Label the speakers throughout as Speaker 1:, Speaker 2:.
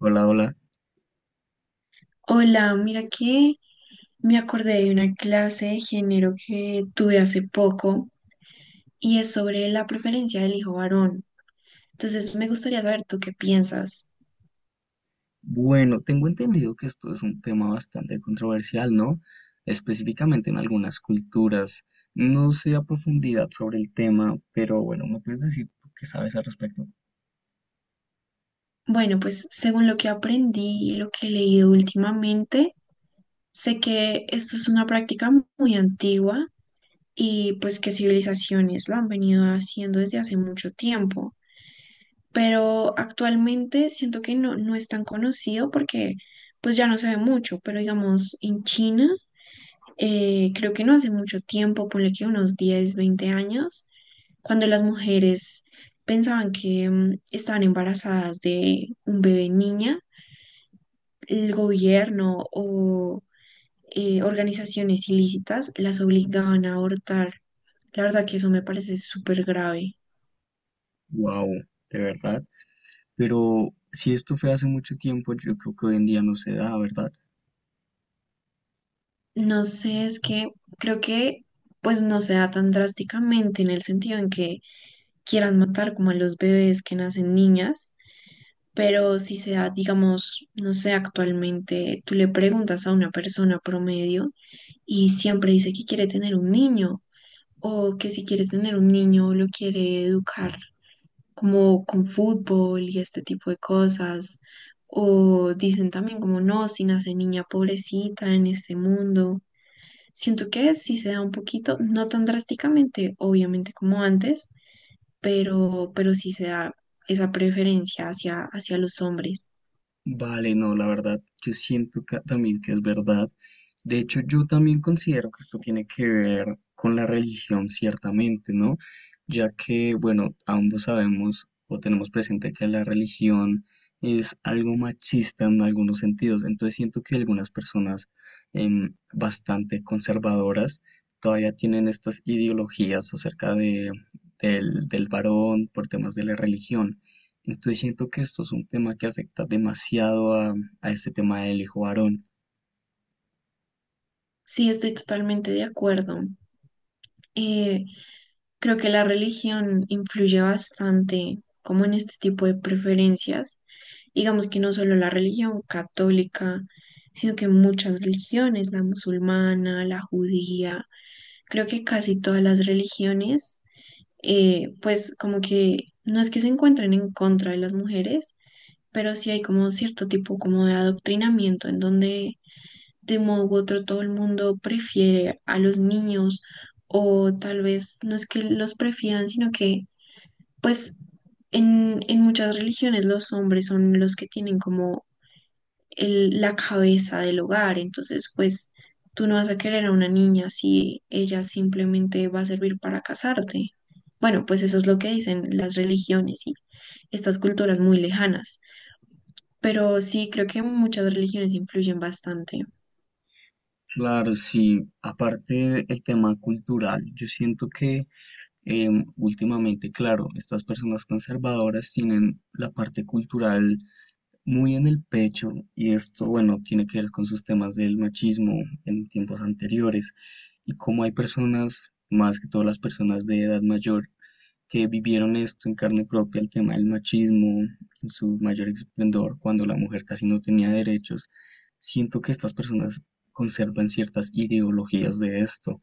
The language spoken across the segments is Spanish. Speaker 1: Hola, hola.
Speaker 2: Hola, mira que me acordé de una clase de género que tuve hace poco y es sobre la preferencia del hijo varón. Entonces me gustaría saber tú qué piensas.
Speaker 1: Bueno, tengo entendido que esto es un tema bastante controversial, ¿no? Específicamente en algunas culturas. No sé a profundidad sobre el tema, pero bueno, ¿me puedes decir tú qué sabes al respecto?
Speaker 2: Bueno, pues según lo que aprendí y lo que he leído últimamente, sé que esto es una práctica muy antigua y pues que civilizaciones lo han venido haciendo desde hace mucho tiempo, pero actualmente siento que no es tan conocido porque pues ya no se ve mucho, pero digamos en China. Creo que no hace mucho tiempo, ponle que unos 10, 20 años, cuando las mujeres pensaban que estaban embarazadas de un bebé niña, el gobierno o organizaciones ilícitas las obligaban a abortar. La verdad que eso me parece súper grave.
Speaker 1: Wow, de verdad. Pero si esto fue hace mucho tiempo, yo creo que hoy en día no se da, ¿verdad?
Speaker 2: No sé, es que creo que pues no se da tan drásticamente en el sentido en que quieran matar como a los bebés que nacen niñas. Pero si se da, digamos, no sé, actualmente tú le preguntas a una persona promedio y siempre dice que quiere tener un niño o que si quiere tener un niño lo quiere educar como con fútbol y este tipo de cosas. O dicen también como no, si nace niña pobrecita en este mundo. Siento que si se da un poquito, no tan drásticamente, obviamente como antes, pero sí se da esa preferencia hacia los hombres.
Speaker 1: Vale, no, la verdad, yo siento también que es verdad. De hecho, yo también considero que esto tiene que ver con la religión, ciertamente, ¿no? Ya que, bueno, ambos sabemos o tenemos presente que la religión es algo machista en algunos sentidos. Entonces siento que algunas personas bastante conservadoras todavía tienen estas ideologías acerca del varón por temas de la religión. Entonces siento que esto es un tema que afecta demasiado a este tema del hijo varón.
Speaker 2: Sí, estoy totalmente de acuerdo. Eh, Creo que la religión influye bastante como en este tipo de preferencias. Digamos que no solo la religión católica, sino que muchas religiones, la musulmana, la judía, creo que casi todas las religiones, pues como que no es que se encuentren en contra de las mujeres, pero sí hay como cierto tipo como de adoctrinamiento en donde de modo u otro todo el mundo prefiere a los niños o tal vez no es que los prefieran, sino que pues en muchas religiones los hombres son los que tienen como la cabeza del hogar, entonces pues tú no vas a querer a una niña si ella simplemente va a servir para casarte. Bueno, pues eso es lo que dicen las religiones y estas culturas muy lejanas, pero sí creo que muchas religiones influyen bastante.
Speaker 1: Claro, sí, aparte el tema cultural, yo siento que últimamente, claro, estas personas conservadoras tienen la parte cultural muy en el pecho y esto, bueno, tiene que ver con sus temas del machismo en tiempos anteriores y cómo hay personas, más que todas las personas de edad mayor, que vivieron esto en carne propia, el tema del machismo en su mayor esplendor, cuando la mujer casi no tenía derechos, siento que estas personas conservan ciertas ideologías de esto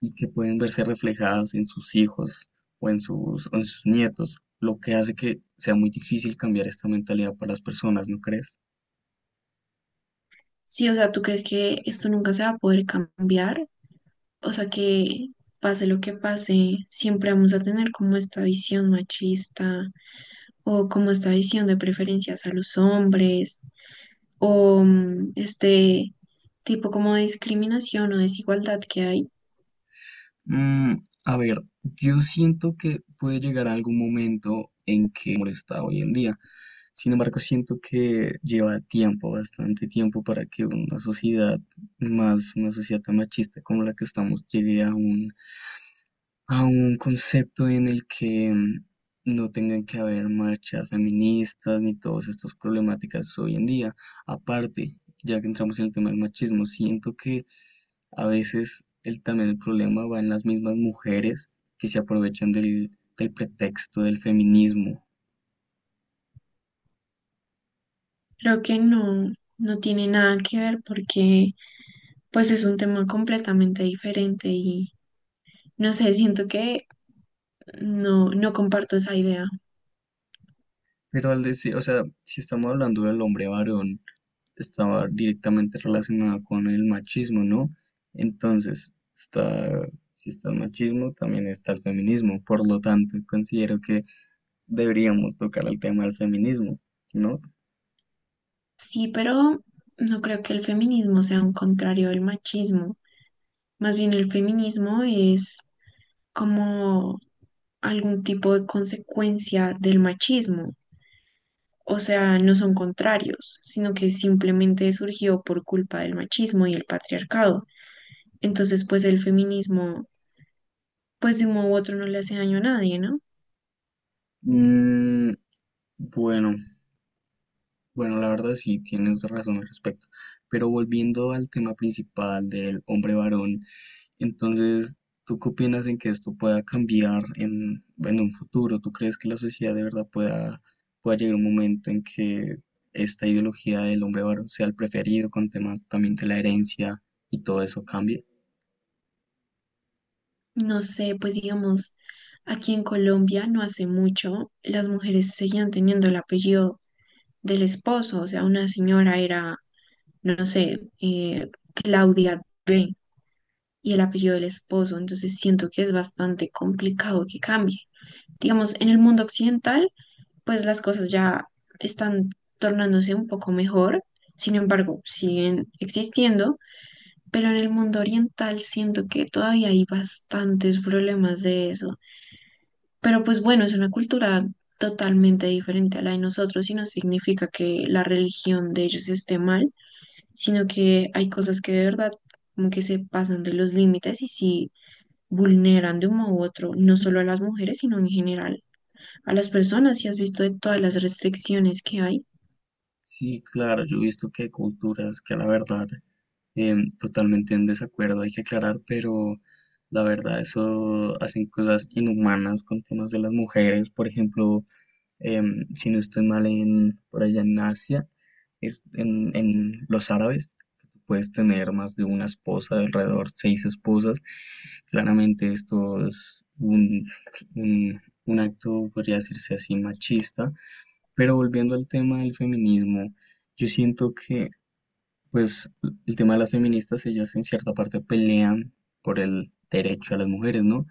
Speaker 1: y que pueden verse reflejadas en sus hijos o en o en sus nietos, lo que hace que sea muy difícil cambiar esta mentalidad para las personas, ¿no crees?
Speaker 2: Sí, o sea, ¿tú crees que esto nunca se va a poder cambiar? O sea, que pase lo que pase, siempre vamos a tener como esta visión machista o como esta visión de preferencias a los hombres o este tipo como de discriminación o desigualdad que hay.
Speaker 1: Mm, a ver, yo siento que puede llegar algún momento en que molesta hoy en día. Sin embargo, siento que lleva tiempo, bastante tiempo, para que una sociedad una sociedad tan machista como la que estamos, llegue a a un concepto en el que no tengan que haber marchas feministas ni todas estas problemáticas hoy en día. Aparte, ya que entramos en el tema del machismo, siento que a veces también el problema va en las mismas mujeres que se aprovechan del pretexto del feminismo.
Speaker 2: Creo que no, no tiene nada que ver porque pues es un tema completamente diferente y no sé, siento que no, no comparto esa idea.
Speaker 1: Pero al decir, o sea, si estamos hablando del hombre varón, estaba directamente relacionada con el machismo, ¿no? Entonces, si está el machismo, también está el feminismo. Por lo tanto, considero que deberíamos tocar el tema del feminismo, ¿no?
Speaker 2: Sí, pero no creo que el feminismo sea un contrario del machismo. Más bien el feminismo es como algún tipo de consecuencia del machismo. O sea, no son contrarios, sino que simplemente surgió por culpa del machismo y el patriarcado. Entonces, pues el feminismo, pues de un modo u otro no le hace daño a nadie, ¿no?
Speaker 1: Mm, bueno, Bueno, la verdad sí, tienes razón al respecto. Pero volviendo al tema principal del hombre varón, entonces, ¿tú qué opinas en que esto pueda cambiar en un futuro? ¿Tú crees que la sociedad de verdad pueda llegar un momento en que esta ideología del hombre varón sea el preferido con temas también de la herencia y todo eso cambie?
Speaker 2: No sé, pues digamos, aquí en Colombia no hace mucho las mujeres seguían teniendo el apellido del esposo, o sea, una señora era no sé, Claudia B. y el apellido del esposo. Entonces siento que es bastante complicado que cambie. Digamos, en el mundo occidental, pues las cosas ya están tornándose un poco mejor. Sin embargo, siguen existiendo, pero en el mundo oriental siento que todavía hay bastantes problemas de eso. Pero pues bueno, es una cultura totalmente diferente a la de nosotros y no significa que la religión de ellos esté mal, sino que hay cosas que de verdad como que se pasan de los límites y sí vulneran de un modo u otro, no solo a las mujeres, sino en general a las personas. Si has visto de todas las restricciones que hay,
Speaker 1: Sí, claro, yo he visto que hay culturas que la verdad totalmente en desacuerdo, hay que aclarar, pero la verdad eso hacen cosas inhumanas con temas de las mujeres, por ejemplo, si no estoy mal por allá en Asia, es en los árabes, puedes tener más de una esposa, de alrededor seis esposas, claramente esto es un, un acto, podría decirse así, machista. Pero volviendo al tema del feminismo, yo siento pues, el tema de las feministas, ellas en cierta parte pelean por el derecho a las mujeres, ¿no?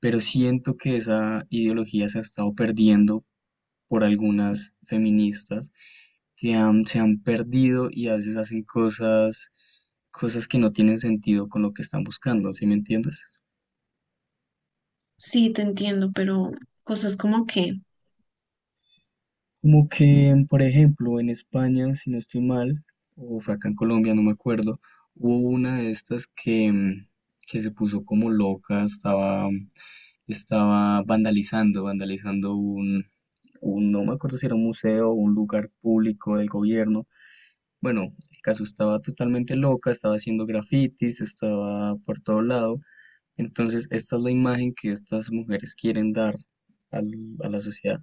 Speaker 1: Pero siento que esa ideología se ha estado perdiendo por algunas feministas que se han perdido y a veces hacen cosas que no tienen sentido con lo que están buscando, ¿sí me entiendes?
Speaker 2: sí te entiendo, pero cosas como que,
Speaker 1: Como que, por ejemplo, en España, si no estoy mal, o fue acá en Colombia, no me acuerdo, hubo una de estas que, que se puso como loca, estaba vandalizando un, no me acuerdo si era un museo o un lugar público del gobierno. Bueno, el caso estaba totalmente loca, estaba haciendo grafitis, estaba por todo lado. Entonces, esta es la imagen que estas mujeres quieren dar a la sociedad.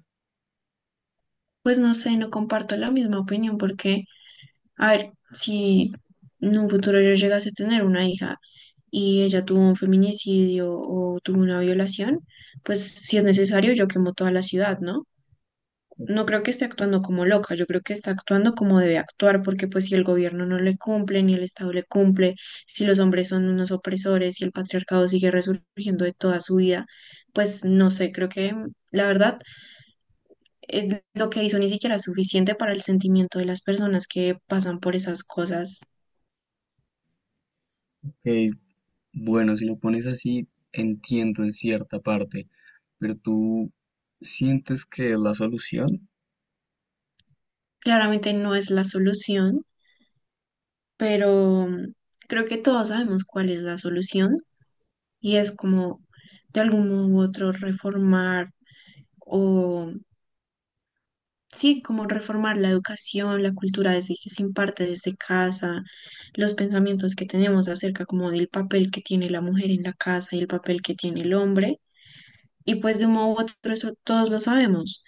Speaker 2: pues no sé, no comparto la misma opinión porque, a ver, si en un futuro yo llegase a tener una hija y ella tuvo un feminicidio o tuvo una violación, pues si es necesario yo quemo toda la ciudad, ¿no? No creo que esté actuando como loca, yo creo que está actuando como debe actuar, porque pues si el gobierno no le cumple, ni el Estado le cumple, si los hombres son unos opresores, si el patriarcado sigue resurgiendo de toda su vida, pues no sé, creo que la verdad lo que hizo ni siquiera es suficiente para el sentimiento de las personas que pasan por esas cosas.
Speaker 1: Ok, bueno, si lo pones así, entiendo en cierta parte, pero tú sientes que es la solución.
Speaker 2: Claramente no es la solución, pero creo que todos sabemos cuál es la solución y es como de algún modo u otro reformar o sí, como reformar la educación, la cultura desde que se imparte desde casa, los pensamientos que tenemos acerca como del papel que tiene la mujer en la casa y el papel que tiene el hombre. Y pues de un modo u otro eso todos lo sabemos,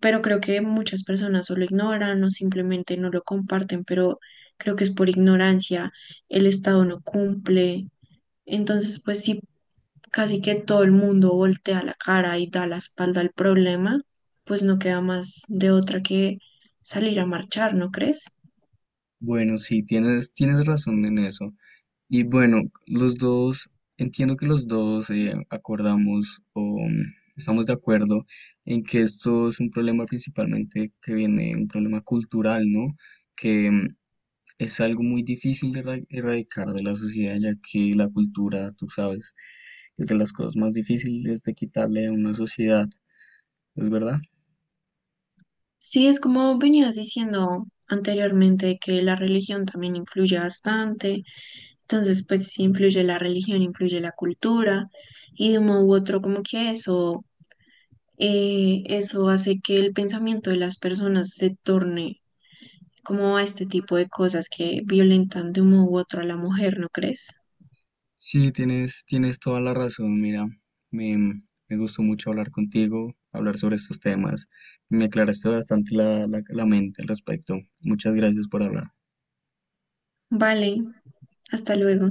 Speaker 2: pero creo que muchas personas o lo ignoran o simplemente no lo comparten, pero creo que es por ignorancia, el Estado no cumple. Entonces, pues sí casi que todo el mundo voltea la cara y da la espalda al problema, pues no queda más de otra que salir a marchar, ¿no crees?
Speaker 1: Bueno, sí, tienes razón en eso. Y bueno, los dos, entiendo que los dos acordamos o estamos de acuerdo en que esto es un problema principalmente que viene, un problema cultural, ¿no? Que es algo muy difícil de erradicar de la sociedad, ya que la cultura, tú sabes, es de las cosas más difíciles de quitarle a una sociedad, ¿es verdad?
Speaker 2: Sí, es como venías diciendo anteriormente que la religión también influye bastante, entonces pues sí influye la religión, influye la cultura y de un modo u otro como que eso, eso hace que el pensamiento de las personas se torne como a este tipo de cosas que violentan de un modo u otro a la mujer, ¿no crees?
Speaker 1: Sí, tienes toda la razón, mira, me, me gustó mucho hablar contigo, hablar sobre estos temas, me aclaraste bastante la mente al respecto, muchas gracias por hablar.
Speaker 2: Vale, hasta luego.